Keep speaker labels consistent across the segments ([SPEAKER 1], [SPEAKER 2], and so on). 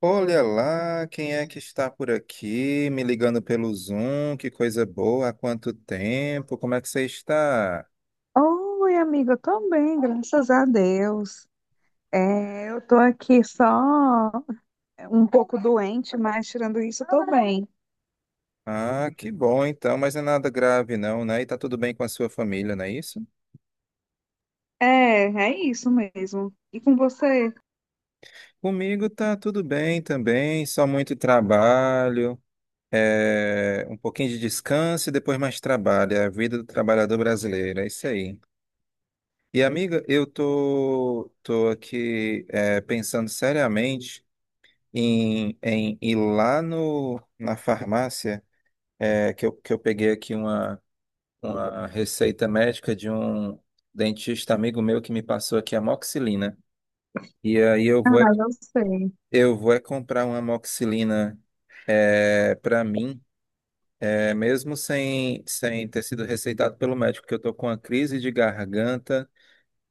[SPEAKER 1] Olha lá, quem é que está por aqui, me ligando pelo Zoom? Que coisa boa, há quanto tempo? Como é que você está?
[SPEAKER 2] Oi, amiga, eu tô bem, graças a Deus. Eu tô aqui só um pouco doente, mas tirando isso, eu tô bem.
[SPEAKER 1] Ah, que bom então, mas não é nada grave não, né? E tá tudo bem com a sua família, não é isso?
[SPEAKER 2] É, é isso mesmo. E com você?
[SPEAKER 1] Comigo tá tudo bem também, só muito trabalho, um pouquinho de descanso e depois mais trabalho, é a vida do trabalhador brasileiro, é isso aí. E amiga, eu tô aqui pensando seriamente em ir lá no, na farmácia, que eu peguei aqui uma receita médica de um dentista amigo meu que me passou aqui a amoxicilina. E aí eu
[SPEAKER 2] Ah,
[SPEAKER 1] vou,
[SPEAKER 2] eu sei.
[SPEAKER 1] eu vou é comprar uma amoxicilina, para mim, mesmo sem ter sido receitado pelo médico, que eu tô com uma crise de garganta.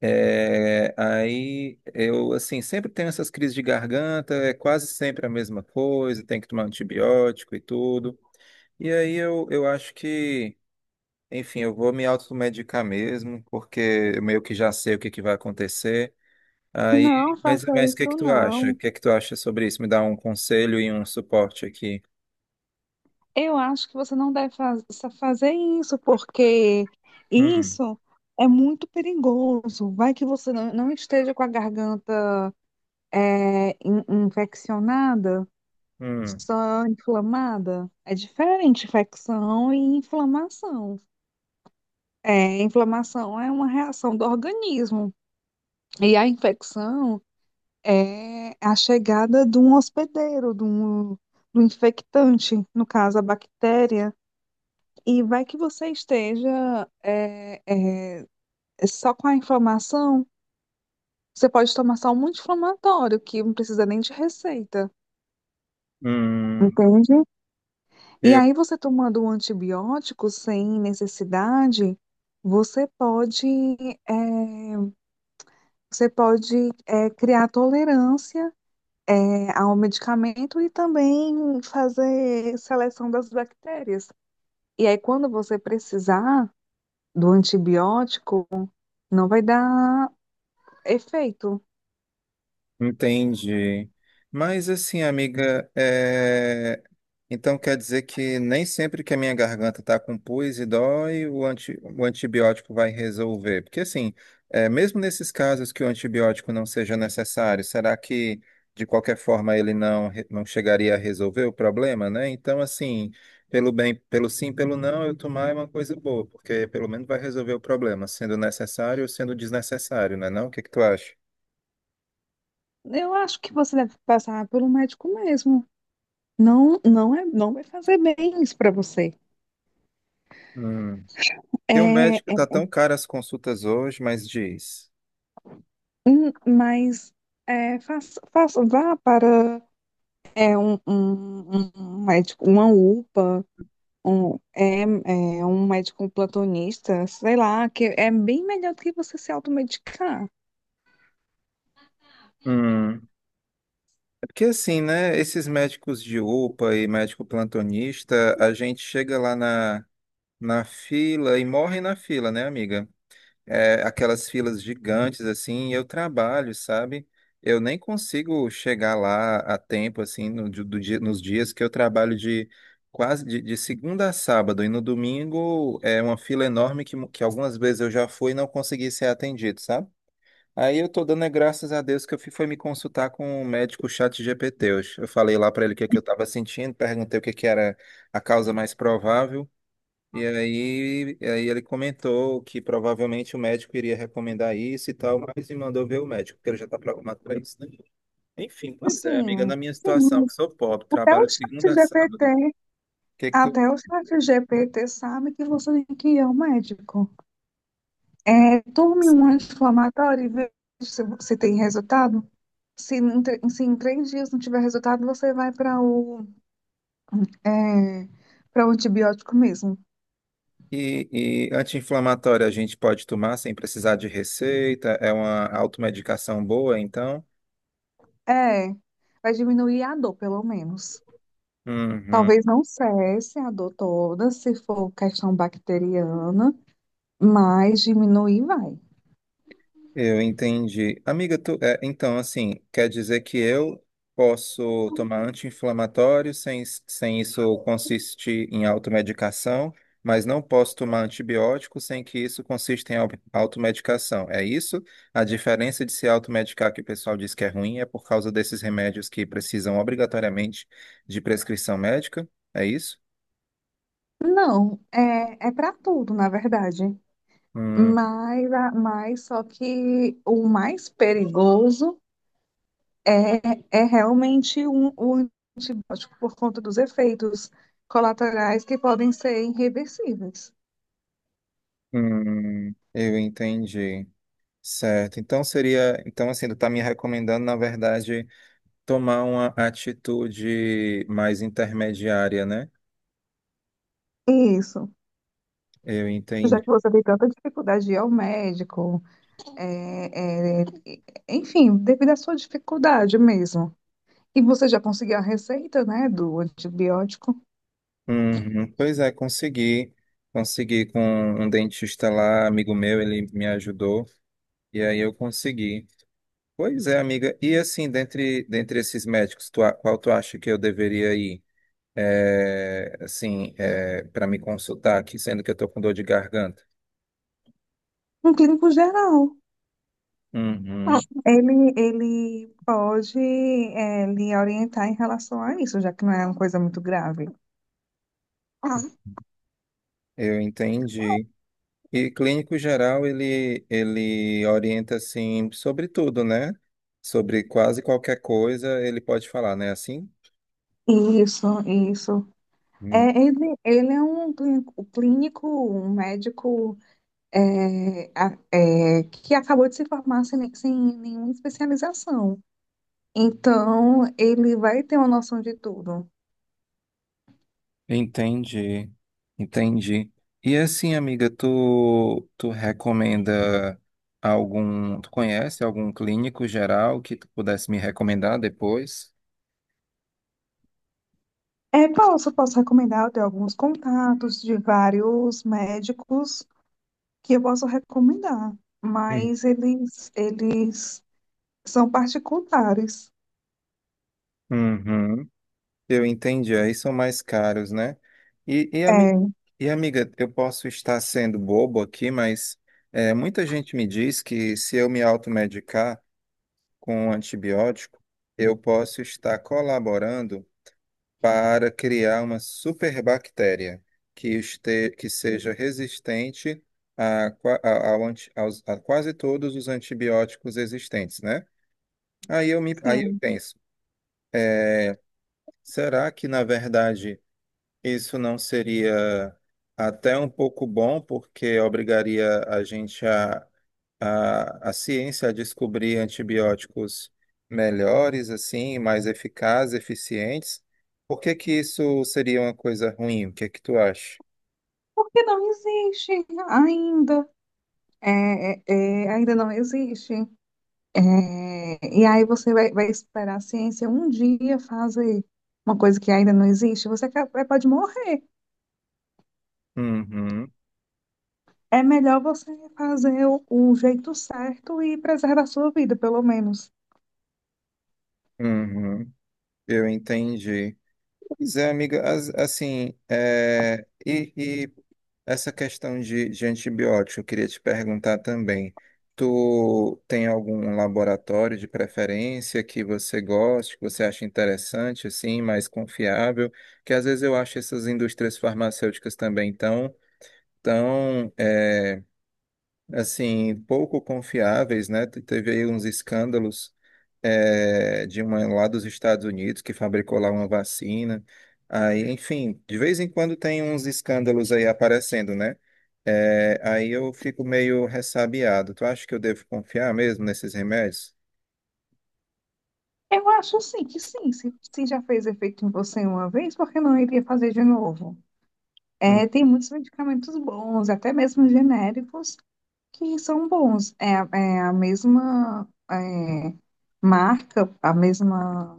[SPEAKER 1] É, aí eu assim sempre tenho essas crises de garganta, é quase sempre a mesma coisa, tem que tomar antibiótico e tudo. E aí eu acho enfim, eu vou me automedicar mesmo, porque eu meio que já sei o que que vai acontecer.
[SPEAKER 2] Não
[SPEAKER 1] Aí,
[SPEAKER 2] faça
[SPEAKER 1] mas o que que
[SPEAKER 2] isso,
[SPEAKER 1] tu acha? O
[SPEAKER 2] não.
[SPEAKER 1] que que tu acha sobre isso? Me dá um conselho e um suporte aqui.
[SPEAKER 2] Eu acho que você não fazer isso, porque
[SPEAKER 1] Hum,
[SPEAKER 2] isso é muito perigoso. Vai que você não esteja com a garganta infeccionada.
[SPEAKER 1] hum,
[SPEAKER 2] Só inflamada? É diferente, infecção e inflamação. É, inflamação é uma reação do organismo. E a infecção é a chegada de um hospedeiro, do infectante, no caso a bactéria. E vai que você esteja só com a inflamação. Você pode tomar só um anti-inflamatório, que não precisa nem de receita.
[SPEAKER 1] hum.
[SPEAKER 2] Entende? E aí, você tomando um antibiótico sem necessidade, você pode, eh, você pode criar tolerância ao medicamento e também fazer seleção das bactérias. E aí, quando você precisar do antibiótico, não vai dar efeito.
[SPEAKER 1] Entendi. Mas assim, amiga, é, então quer dizer que nem sempre que a minha garganta tá com pus e dói, o, anti... o antibiótico vai resolver. Porque assim, é, mesmo nesses casos que o antibiótico não seja necessário, será que de qualquer forma ele não, não chegaria a resolver o problema, né? Então assim, pelo bem, pelo sim, pelo não, eu tomar é uma coisa boa, porque pelo menos vai resolver o problema, sendo necessário ou sendo desnecessário, né não? O que que tu acha?
[SPEAKER 2] Eu acho que você deve passar por um médico mesmo. Não, não é, não vai fazer bem isso para você.
[SPEAKER 1] Porque o
[SPEAKER 2] É,
[SPEAKER 1] médico tá tão caro as consultas hoje, mas diz.
[SPEAKER 2] Mas vá para um médico, uma UPA, um médico plantonista, sei lá, que é bem melhor do que você se automedicar.
[SPEAKER 1] Hum. É porque assim, né? Esses médicos de UPA e médico plantonista, a gente chega lá na, na fila e morre na fila, né, amiga? É, aquelas filas gigantes, assim, e eu trabalho, sabe? Eu nem consigo chegar lá a tempo, assim, no, nos dias que eu trabalho de quase de segunda a sábado, e no domingo é uma fila enorme que, que algumas vezes eu já fui e não consegui ser atendido, sabe? Aí eu tô dando é graças a Deus que eu fui foi me consultar com um médico chat GPT. Eu falei lá pra ele o que é que eu tava sentindo, perguntei o que é que era a causa mais provável. E aí ele comentou que provavelmente o médico iria recomendar isso e tal, mas me mandou ver o médico, porque ele já tá programado pra isso, né? Enfim, pois é, amiga,
[SPEAKER 2] Assim,
[SPEAKER 1] na minha
[SPEAKER 2] sim,
[SPEAKER 1] situação, que
[SPEAKER 2] mas
[SPEAKER 1] sou pobre,
[SPEAKER 2] até
[SPEAKER 1] trabalho de
[SPEAKER 2] o
[SPEAKER 1] segunda a
[SPEAKER 2] chat
[SPEAKER 1] sábado.
[SPEAKER 2] GPT,
[SPEAKER 1] Que é que tu...
[SPEAKER 2] até o chat GPT sabe que você tem que ir ao médico. É, tome um anti-inflamatório e veja se você tem resultado. Se em três dias não tiver resultado, você vai para É, para o antibiótico mesmo.
[SPEAKER 1] E, e anti-inflamatório a gente pode tomar sem precisar de receita, é uma automedicação boa, então.
[SPEAKER 2] É, vai diminuir a dor, pelo menos.
[SPEAKER 1] Uhum.
[SPEAKER 2] Talvez não cesse a dor toda, se for questão bacteriana, mas diminuir vai.
[SPEAKER 1] Eu entendi. Amiga, tu, é, então, assim, quer dizer que eu posso tomar anti-inflamatório sem isso consistir em automedicação, mas não posso tomar antibiótico sem que isso consista em automedicação. É isso? A diferença de se automedicar, que o pessoal diz que é ruim, é por causa desses remédios que precisam obrigatoriamente de prescrição médica? É isso?
[SPEAKER 2] Não, é para tudo, na verdade.
[SPEAKER 1] Hum,
[SPEAKER 2] Mas só que o mais perigoso é, é realmente o antibiótico por conta dos efeitos colaterais que podem ser irreversíveis.
[SPEAKER 1] eu entendi. Certo. Então seria, então assim, tu tá me recomendando, na verdade, tomar uma atitude mais intermediária, né?
[SPEAKER 2] Isso.
[SPEAKER 1] Eu
[SPEAKER 2] Já que
[SPEAKER 1] entendi.
[SPEAKER 2] você tem tanta dificuldade de ir ao médico, é, é, enfim, devido à sua dificuldade mesmo. E você já conseguiu a receita, né, do antibiótico?
[SPEAKER 1] Uhum. Pois é, consegui. Consegui com um dentista lá, amigo meu, ele me ajudou e aí eu consegui. Pois é, amiga. E assim, dentre, dentre esses médicos, tu, qual tu acha que eu deveria ir? É, assim, é, para me consultar aqui, sendo que eu tô com dor de garganta.
[SPEAKER 2] Um clínico geral,
[SPEAKER 1] Uhum.
[SPEAKER 2] ele pode, é, lhe orientar em relação a isso, já que não é uma coisa muito grave. Ah,
[SPEAKER 1] Eu entendi. E clínico geral, ele orienta, assim, sobre tudo, né? Sobre quase qualquer coisa, ele pode falar, né? Assim?
[SPEAKER 2] isso, isso. É,
[SPEAKER 1] Hum.
[SPEAKER 2] ele é um clínico, um clínico, um médico que acabou de se formar sem nenhuma especialização. Então, ele vai ter uma noção de tudo.
[SPEAKER 1] Entendi, entendi. E assim, amiga, tu recomenda algum, tu conhece algum clínico geral que tu pudesse me recomendar depois?
[SPEAKER 2] É, posso, posso recomendar. Eu tenho alguns contatos de vários médicos que eu posso recomendar,
[SPEAKER 1] Hum.
[SPEAKER 2] mas eles são particulares.
[SPEAKER 1] Uhum. Eu entendi, aí são mais caros, né? E, e, ami-
[SPEAKER 2] É,
[SPEAKER 1] amiga, eu posso estar sendo bobo aqui, mas é, muita gente me diz que se eu me automedicar com um antibiótico, eu posso estar colaborando para criar uma superbactéria que, este, que seja resistente a, a quase todos os antibióticos existentes, né? Aí eu
[SPEAKER 2] sim.
[SPEAKER 1] penso, é, será que na verdade isso não seria até um pouco bom, porque obrigaria a gente a ciência a descobrir antibióticos melhores, assim, mais eficazes, eficientes. Por que que isso seria uma coisa ruim? O que é que tu acha?
[SPEAKER 2] Porque não existe ainda. É, é, É, ainda não existe. É, e aí você vai, vai esperar a ciência um dia fazer uma coisa que ainda não existe, pode morrer.
[SPEAKER 1] Uhum,
[SPEAKER 2] É melhor você fazer o jeito certo e preservar a sua vida, pelo menos.
[SPEAKER 1] uhum, eu entendi. Pois é, amiga, assim, e essa questão de antibiótico, eu queria te perguntar também. Tu tem algum laboratório de preferência que você goste, que você acha interessante, assim, mais confiável? Que às vezes eu acho essas indústrias farmacêuticas também tão é, assim, pouco confiáveis, né? Teve aí uns escândalos, é, de uma lá dos Estados Unidos que fabricou lá uma vacina. Aí, enfim, de vez em quando tem uns escândalos aí aparecendo, né? É, aí eu fico meio ressabiado. Tu acha que eu devo confiar mesmo nesses remédios?
[SPEAKER 2] Eu acho sim que sim. Se já fez efeito em você uma vez, por que não iria fazer de novo?
[SPEAKER 1] Hum,
[SPEAKER 2] É, tem muitos medicamentos bons, até mesmo genéricos, que são bons. É a mesma marca, a mesma,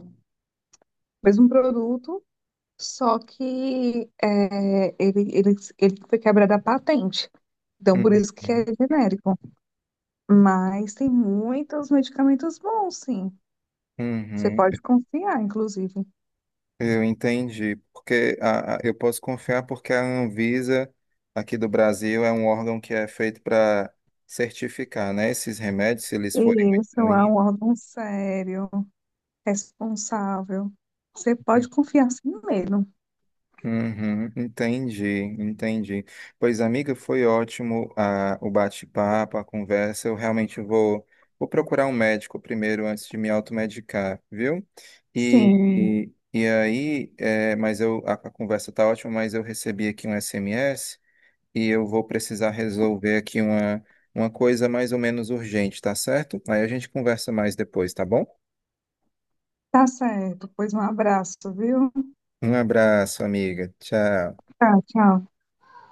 [SPEAKER 2] mesmo produto, só que ele foi quebrado a patente. Então, por isso que é
[SPEAKER 1] uhum,
[SPEAKER 2] genérico. Mas tem muitos medicamentos bons, sim. Você
[SPEAKER 1] uhum.
[SPEAKER 2] pode confiar, inclusive.
[SPEAKER 1] Eu entendi, porque eu posso confiar porque a Anvisa aqui do Brasil é um órgão que é feito para certificar, né, esses remédios, se eles forem
[SPEAKER 2] E
[SPEAKER 1] muito
[SPEAKER 2] isso é
[SPEAKER 1] ruins.
[SPEAKER 2] um órgão sério, responsável. Você pode confiar sim mesmo.
[SPEAKER 1] Uhum, entendi, entendi. Pois, amiga, foi ótimo, ah, o bate-papo, a conversa. Eu realmente vou procurar um médico primeiro antes de me automedicar, viu?
[SPEAKER 2] Sim,
[SPEAKER 1] E aí, é, mas eu, a conversa tá ótima, mas eu recebi aqui um SMS e eu vou precisar resolver aqui uma coisa mais ou menos urgente, tá certo? Aí a gente conversa mais depois, tá bom?
[SPEAKER 2] tá certo. Pois um abraço, viu?
[SPEAKER 1] Um abraço, amiga. Tchau.
[SPEAKER 2] Tá, tchau.